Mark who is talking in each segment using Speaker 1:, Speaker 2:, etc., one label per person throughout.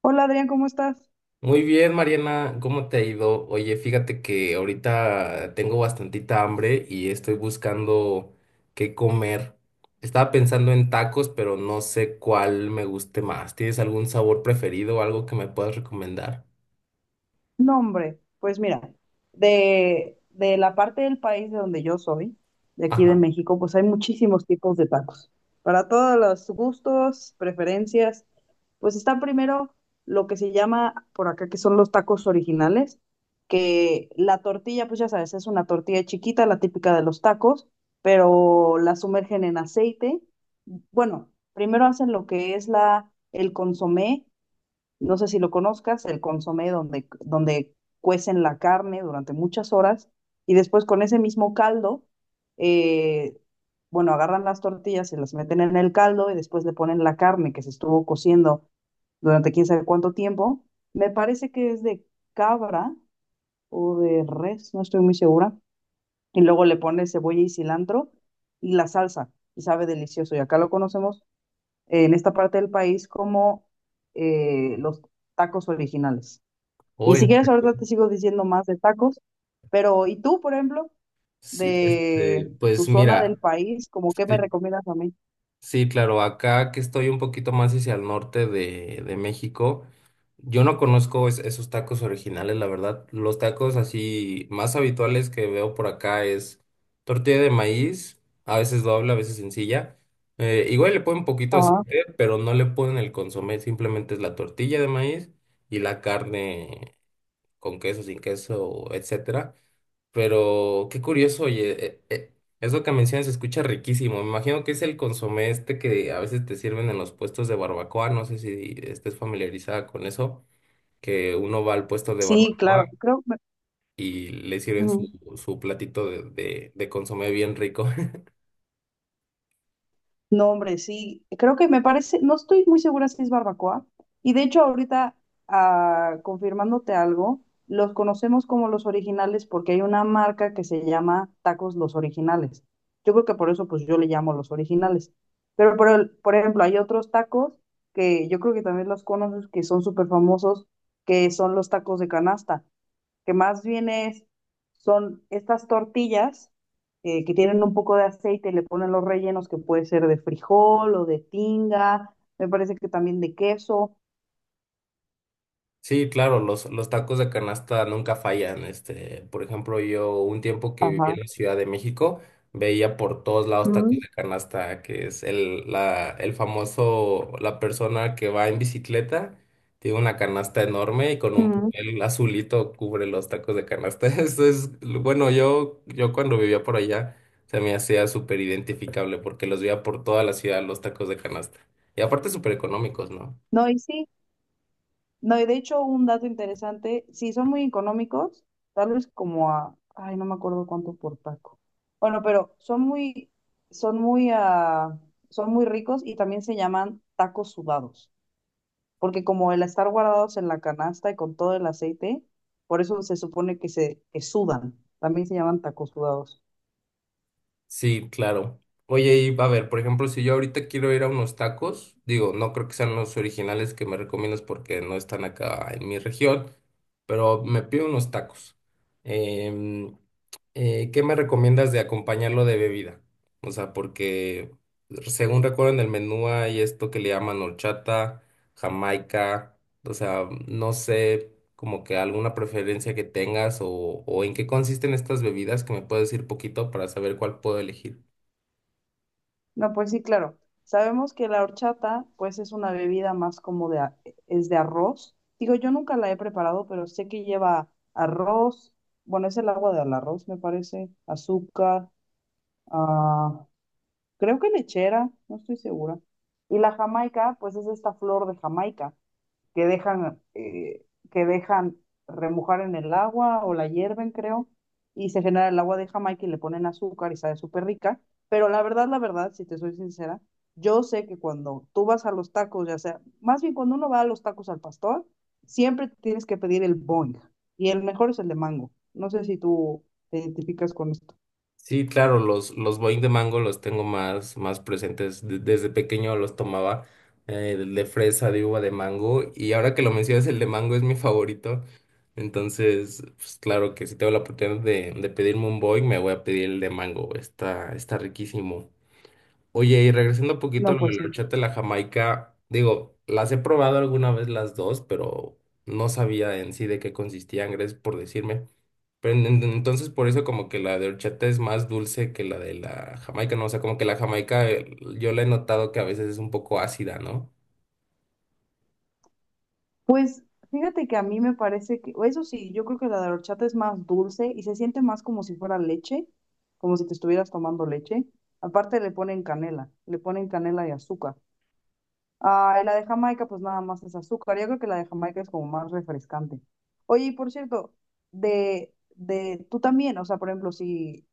Speaker 1: Hola Adrián, ¿cómo estás?
Speaker 2: Muy bien, Mariana, ¿cómo te ha ido? Oye, fíjate que ahorita tengo bastantita hambre y estoy buscando qué comer. Estaba pensando en tacos, pero no sé cuál me guste más. ¿Tienes algún sabor preferido o algo que me puedas recomendar?
Speaker 1: No, hombre, pues mira, de la parte del país de donde yo soy, de aquí de
Speaker 2: Ajá.
Speaker 1: México, pues hay muchísimos tipos de tacos. Para todos los gustos, preferencias, pues está primero lo que se llama por acá, que son los tacos originales, que la tortilla, pues ya sabes, es una tortilla chiquita, la típica de los tacos, pero la sumergen en aceite. Bueno, primero hacen lo que es el consomé. No sé si lo conozcas, el consomé donde cuecen la carne durante muchas horas y después con ese mismo caldo, eh, bueno, agarran las tortillas y las meten en el caldo y después le ponen la carne que se estuvo cociendo durante quién sabe cuánto tiempo. Me parece que es de cabra o de res, no estoy muy segura. Y luego le pones cebolla y cilantro y la salsa y sabe delicioso. Y acá lo conocemos en esta parte del país como los tacos originales.
Speaker 2: O
Speaker 1: Y si
Speaker 2: en-
Speaker 1: quieres, ahorita te sigo diciendo más de tacos, pero ¿y tú, por ejemplo,
Speaker 2: Sí, este,
Speaker 1: de tu
Speaker 2: pues
Speaker 1: zona del
Speaker 2: mira.
Speaker 1: país, como qué me
Speaker 2: este,
Speaker 1: recomiendas a mí?
Speaker 2: Sí, claro, acá que estoy un poquito más hacia el norte de México, yo no conozco es- esos tacos originales, la verdad. Los tacos así más habituales que veo por acá es tortilla de maíz, a veces doble, a veces sencilla. Igual le ponen un poquito de
Speaker 1: Ajá.
Speaker 2: aceite, pero no le ponen el consomé, simplemente es la tortilla de maíz y la carne con queso, sin queso, etcétera. Pero qué curioso, oye, eso que mencionas se escucha riquísimo. Me imagino que es el consomé este que a veces te sirven en los puestos de barbacoa. No sé si estés familiarizada con eso, que uno va al puesto de
Speaker 1: Sí,
Speaker 2: barbacoa
Speaker 1: claro, creo. Que-
Speaker 2: y le sirven su,
Speaker 1: ujú.
Speaker 2: su platito de consomé bien rico.
Speaker 1: No, hombre, sí, creo que me parece, no estoy muy segura si es barbacoa. Y de hecho ahorita, ah, confirmándote algo, los conocemos como los originales porque hay una marca que se llama Tacos Los Originales. Yo creo que por eso pues yo le llamo los originales. Pero por, el- por ejemplo, hay otros tacos que yo creo que también los conoces, que son súper famosos, que son los tacos de canasta, que más bien es, son estas tortillas que tienen un poco de aceite y le ponen los rellenos que puede ser de frijol o de tinga, me parece que también de queso.
Speaker 2: Sí, claro, los tacos de canasta nunca fallan. Este, por ejemplo, yo un tiempo que viví
Speaker 1: Ajá.
Speaker 2: en la Ciudad de México, veía por todos lados tacos
Speaker 1: Mm,
Speaker 2: de canasta, que es el famoso, la persona que va en bicicleta, tiene una canasta enorme y con un
Speaker 1: mm.
Speaker 2: papel azulito cubre los tacos de canasta. Eso es, bueno, yo cuando vivía por allá se me hacía súper identificable porque los veía por toda la ciudad los tacos de canasta. Y aparte súper económicos, ¿no?
Speaker 1: No, y sí, no, y de hecho un dato interesante, sí, son muy económicos, tal vez como a, ay, no me acuerdo cuánto por taco. Bueno, pero son muy, son muy, son muy ricos y también se llaman tacos sudados, porque como el estar guardados en la canasta y con todo el aceite, por eso se supone que se que sudan, también se llaman tacos sudados.
Speaker 2: Sí, claro. Oye, y a ver, por ejemplo, si yo ahorita quiero ir a unos tacos, digo, no creo que sean los originales que me recomiendas porque no están acá en mi región, pero me pido unos tacos. Em, ¿Qué me recomiendas de acompañarlo de bebida? O sea, porque según recuerdo en el menú hay esto que le llaman horchata, jamaica. O sea, no sé como que alguna preferencia que tengas o en qué consisten estas bebidas que me puedes decir poquito para saber cuál puedo elegir.
Speaker 1: No, pues sí, claro. Sabemos que la horchata, pues es una bebida más como de, a- es de arroz. Digo, yo nunca la he preparado, pero sé que lleva arroz, bueno, es el agua del arroz, me parece, azúcar, ah, creo que lechera, no estoy segura. Y la jamaica, pues es esta flor de Jamaica, que dejan, que dejan remojar en el agua o la hierven, creo, y se genera el agua de Jamaica y le ponen azúcar y sabe súper rica. Pero la verdad, si te soy sincera, yo sé que cuando tú vas a los tacos, ya sea, más bien cuando uno va a los tacos al pastor, siempre tienes que pedir el boing. Y el mejor es el de mango. No sé si tú te identificas con esto.
Speaker 2: Sí, claro, los Boing de mango los tengo más, más presentes. De- desde pequeño los tomaba de fresa, de uva, de mango. Y ahora que lo mencionas, el de mango es mi favorito. Entonces, pues claro que si tengo la oportunidad de pedirme un Boing, me voy a pedir el de mango. Está, está riquísimo. Oye, y regresando un poquito a
Speaker 1: No,
Speaker 2: lo de
Speaker 1: pues
Speaker 2: la
Speaker 1: sí.
Speaker 2: horchata y la jamaica, digo, las he probado alguna vez las dos, pero no sabía en sí de qué consistían, gracias por decirme. Pero entonces por eso como que la de horchata es más dulce que la de la jamaica, ¿no? O sea, como que la jamaica yo la he notado que a veces es un poco ácida, ¿no?
Speaker 1: Pues fíjate que a mí me parece que, eso sí, yo creo que la de horchata es más dulce y se siente más como si fuera leche, como si te estuvieras tomando leche. Aparte le ponen canela y azúcar. Ah, y la de Jamaica pues nada más es azúcar. Yo creo que la de Jamaica es como más refrescante. Oye, y por cierto, tú también, o sea, por ejemplo, si,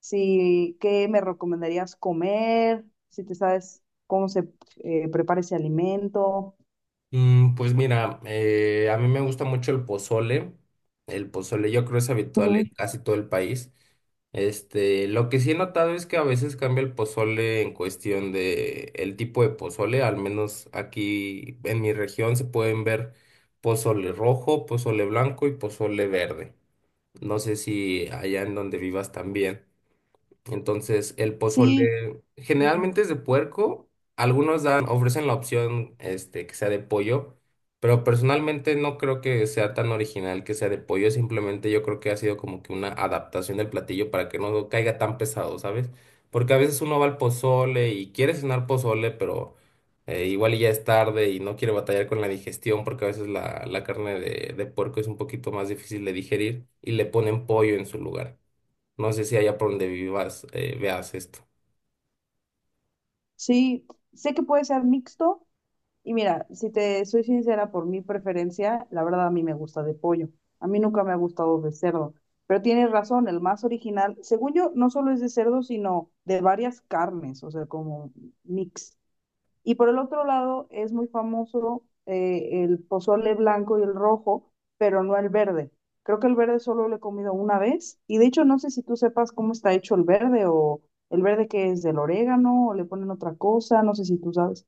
Speaker 1: si, ¿qué me recomendarías comer? Si te sabes cómo se prepara ese alimento.
Speaker 2: Pues mira, a mí me gusta mucho el pozole. El pozole yo creo es habitual
Speaker 1: Ujú.
Speaker 2: en casi todo el país. Este, lo que sí he notado es que a veces cambia el pozole en cuestión de el tipo de pozole, al menos aquí en mi región se pueden ver pozole rojo, pozole blanco y pozole verde. No sé si allá en donde vivas también. Entonces, el
Speaker 1: Sí.
Speaker 2: pozole generalmente es de puerco. Algunos dan, ofrecen la opción este, que sea de pollo, pero personalmente no creo que sea tan original que sea de pollo. Simplemente yo creo que ha sido como que una adaptación del platillo para que no caiga tan pesado, ¿sabes? Porque a veces uno va al pozole y quiere cenar pozole, pero igual y ya es tarde y no quiere batallar con la digestión porque a veces la carne de puerco es un poquito más difícil de digerir y le ponen pollo en su lugar. No sé si allá por donde vivas veas esto.
Speaker 1: Sí, sé que puede ser mixto y mira, si te soy sincera por mi preferencia, la verdad a mí me gusta de pollo. A mí nunca me ha gustado de cerdo, pero tienes razón, el más original, según yo, no solo es de cerdo, sino de varias carnes, o sea, como mix. Y por el otro lado es muy famoso el pozole blanco y el rojo, pero no el verde. Creo que el verde solo lo he comido una vez y de hecho no sé si tú sepas cómo está hecho el verde o el verde que es del orégano o le ponen otra cosa, no sé si tú sabes.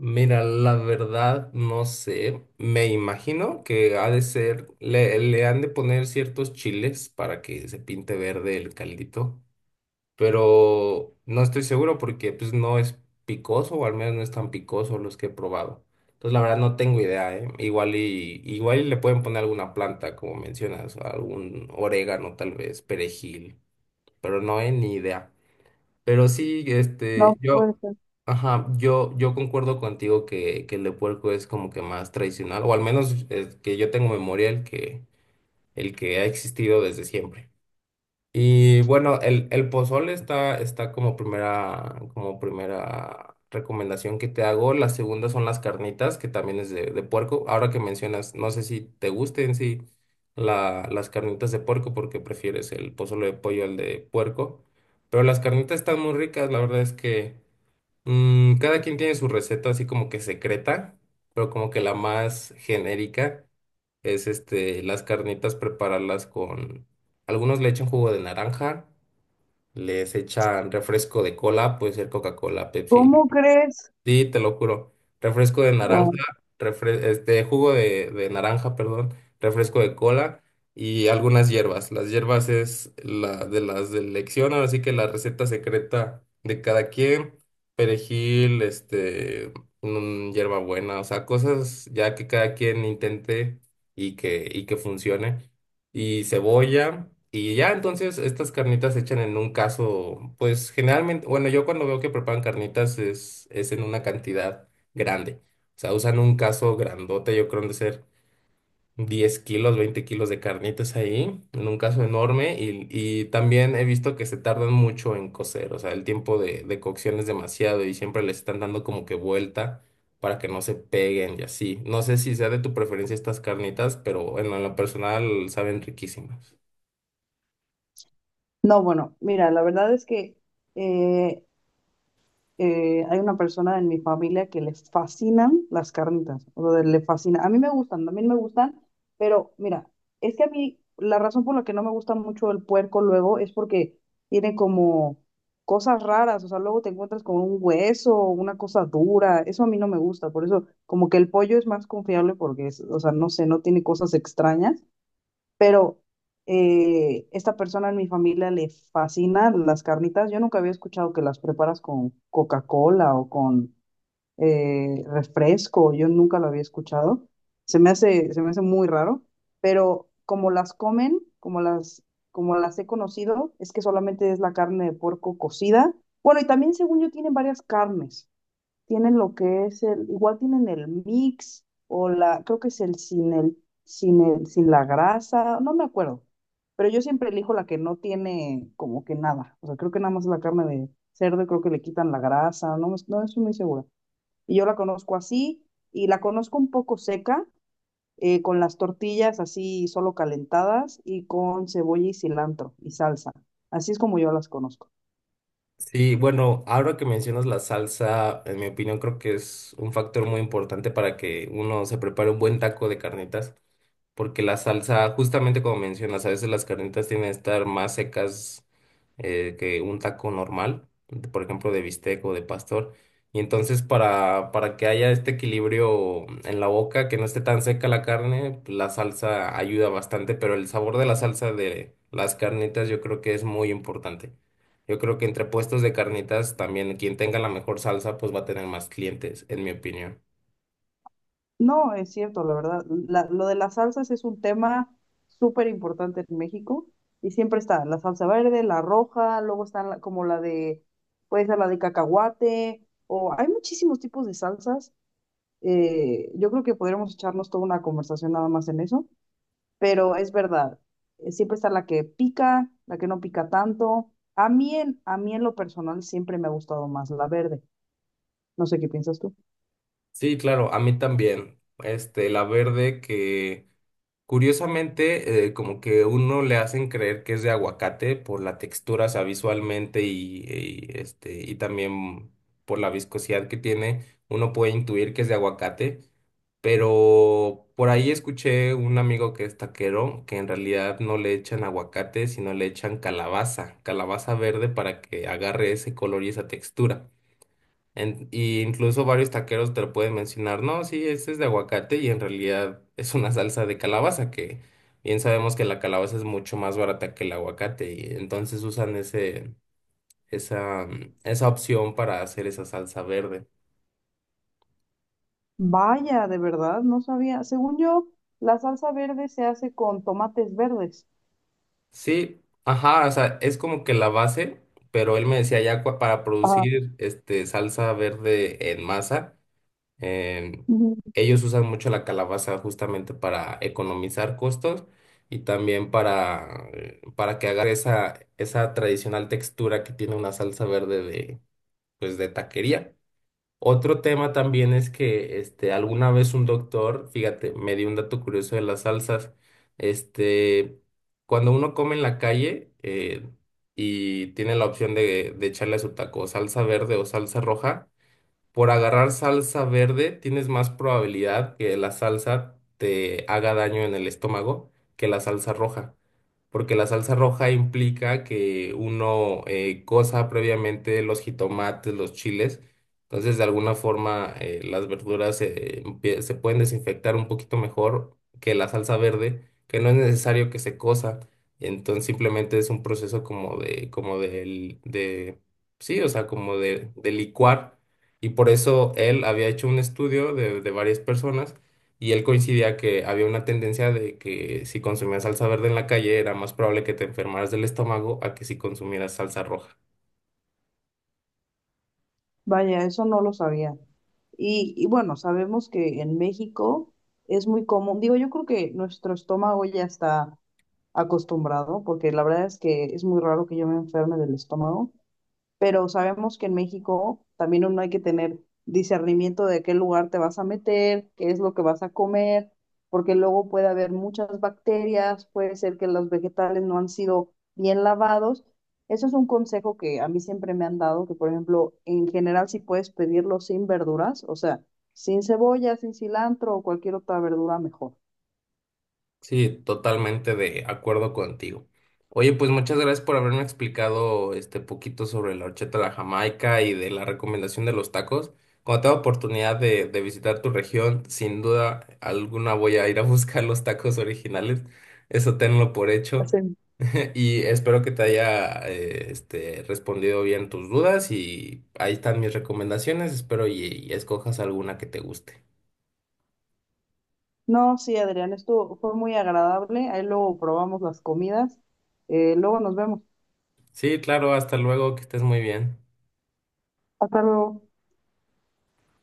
Speaker 2: Mira, la verdad no sé. Me imagino que ha de ser, le han de poner ciertos chiles para que se pinte verde el caldito, pero no estoy seguro porque pues no es picoso o al menos no es tan picoso los que he probado. Entonces la verdad no tengo idea, ¿eh? Igual y le pueden poner alguna planta, como mencionas, algún orégano tal vez, perejil, pero no, he ni idea. Pero sí,
Speaker 1: No puede ser.
Speaker 2: ajá, yo concuerdo contigo que el de puerco es como que más tradicional, o al menos que yo tengo memoria el que ha existido desde siempre. Y bueno, el pozole está, está como primera recomendación que te hago. La segunda son las carnitas, que también es de puerco. Ahora que mencionas, no sé si te gusten sí las carnitas de puerco, porque prefieres el pozole de pollo al de puerco. Pero las carnitas están muy ricas, la verdad es que. Cada quien tiene su receta así como que secreta, pero como que la más genérica es este, las carnitas prepararlas con, algunos le echan jugo de naranja, les echan refresco de cola, puede ser Coca-Cola, Pepsi,
Speaker 1: ¿Cómo crees?
Speaker 2: sí, te lo juro. Refresco de naranja,
Speaker 1: Guau.
Speaker 2: wow. Este, jugo de naranja, perdón, refresco de cola y algunas hierbas. Las hierbas es la de las de elección, ahora sí que la receta secreta de cada quien. Perejil, hierbabuena, o sea, cosas ya que cada quien intente y y que funcione y cebolla. Y ya entonces estas carnitas se echan en un caso, pues generalmente, bueno, yo cuando veo que preparan carnitas es en una cantidad grande. O sea, usan un caso grandote, yo creo han de ser 10 kilos, 20 kilos de carnitas ahí, en un caso enorme, y también he visto que se tardan mucho en cocer, o sea, el tiempo de cocción es demasiado y siempre les están dando como que vuelta para que no se peguen y así. No sé si sea de tu preferencia estas carnitas, pero en lo personal saben riquísimas.
Speaker 1: No, bueno, mira, la verdad es que eh, hay una persona en mi familia que le fascinan las carnitas, o sea, le fascina. A mí me gustan, también me gustan, pero mira, es que a mí la razón por la que no me gusta mucho el puerco luego es porque tiene como cosas raras, o sea, luego te encuentras con un hueso, una cosa dura, eso a mí no me gusta, por eso como que el pollo es más confiable porque es, o sea, no sé, no tiene cosas extrañas, pero esta persona en mi familia le fascina las carnitas. Yo nunca había escuchado que las preparas con Coca-Cola o con refresco, yo nunca lo había escuchado. Se me hace muy raro, pero como las comen, como las he conocido, es que solamente es la carne de puerco cocida. Bueno, y también según yo tienen varias carnes, tienen lo que es el, igual tienen el mix o la, creo que es el sin el, sin el, sin la grasa, no me acuerdo, pero yo siempre elijo la que no tiene como que nada, o sea, creo que nada más la carne de cerdo, y creo que le quitan la grasa, no, me- no estoy muy segura. Y yo la conozco así y la conozco un poco seca, con las tortillas así solo calentadas y con cebolla y cilantro y salsa. Así es como yo las conozco.
Speaker 2: Sí, bueno, ahora que mencionas la salsa, en mi opinión creo que es un factor muy importante para que uno se prepare un buen taco de carnitas. Porque la salsa, justamente como mencionas, a veces las carnitas tienen que estar más secas que un taco normal, de- por ejemplo, de bistec o de pastor. Y entonces para que haya este equilibrio en la boca, que no esté tan seca la carne, la salsa ayuda bastante, pero el sabor de la salsa de las carnitas yo creo que es muy importante. Yo creo que entre puestos de carnitas también quien tenga la mejor salsa pues va a tener más clientes, en mi opinión.
Speaker 1: No, es cierto, la verdad. La- lo de las salsas es un tema súper importante en México y siempre está la salsa verde, la roja, luego está la- como la de, puede ser la de cacahuate, o hay muchísimos tipos de salsas. Yo creo que podríamos echarnos toda una conversación nada más en eso, pero es verdad, siempre está la que pica, la que no pica tanto. A mí en lo personal siempre me ha gustado más la verde. No sé qué piensas tú.
Speaker 2: Sí, claro, a mí también. Este, la verde que curiosamente, como que uno le hacen creer que es de aguacate por la textura, o sea, visualmente y también por la viscosidad que tiene, uno puede intuir que es de aguacate, pero por ahí escuché un amigo que es taquero que en realidad no le echan aguacate, sino le echan calabaza, calabaza verde para que agarre ese color y esa textura. Y incluso varios taqueros te lo pueden mencionar, no, sí, este es de aguacate y en realidad es una salsa de calabaza, que bien sabemos que la calabaza es mucho más barata que el aguacate y entonces usan ese, esa opción para hacer esa salsa verde.
Speaker 1: Vaya, de verdad, no sabía. Según yo, la salsa verde se hace con tomates verdes.
Speaker 2: Sí, ajá, o sea, es como que la base, pero él me decía ya cua- para producir este salsa verde en masa. Em,
Speaker 1: Ujú.
Speaker 2: Ellos usan mucho la calabaza justamente para economizar costos y también para que haga esa, esa tradicional textura que tiene una salsa verde pues, de taquería. Otro tema también es que este, alguna vez un doctor, fíjate, me dio un dato curioso de las salsas. Este, cuando uno come en la calle y tiene la opción de echarle a su taco salsa verde o salsa roja, por agarrar salsa verde tienes más probabilidad que la salsa te haga daño en el estómago que la salsa roja, porque la salsa roja implica que uno cosa previamente los jitomates, los chiles, entonces de alguna forma las verduras empie- se pueden desinfectar un poquito mejor que la salsa verde, que no es necesario que se cosa, entonces simplemente es un proceso como de, como del, de, sí, o sea, como de licuar y por eso él había hecho un estudio de varias personas y él coincidía que había una tendencia de que si consumías salsa verde en la calle era más probable que te enfermaras del estómago a que si consumieras salsa roja.
Speaker 1: Vaya, eso no lo sabía. Y bueno, sabemos que en México es muy común, digo, yo creo que nuestro estómago ya está acostumbrado, porque la verdad es que es muy raro que yo me enferme del estómago, pero sabemos que en México también uno hay que tener discernimiento de qué lugar te vas a meter, qué es lo que vas a comer, porque luego puede haber muchas bacterias, puede ser que los vegetales no han sido bien lavados. Eso es un consejo que a mí siempre me han dado, que por ejemplo, en general si puedes pedirlo sin verduras, o sea, sin cebolla, sin cilantro o cualquier otra verdura mejor.
Speaker 2: Sí, totalmente de acuerdo contigo. Oye, pues muchas gracias por haberme explicado este poquito sobre la horchata de la Jamaica y de la recomendación de los tacos. Cuando tenga oportunidad de visitar tu región, sin duda alguna voy a ir a buscar los tacos originales. Eso tenlo por hecho.
Speaker 1: Sí.
Speaker 2: Y espero que te haya respondido bien tus dudas y ahí están mis recomendaciones. Espero y escojas alguna que te guste.
Speaker 1: No, sí, Adrián, esto fue muy agradable. Ahí luego probamos las comidas. Luego nos vemos.
Speaker 2: Sí, claro, hasta luego, que estés muy bien.
Speaker 1: Hasta luego.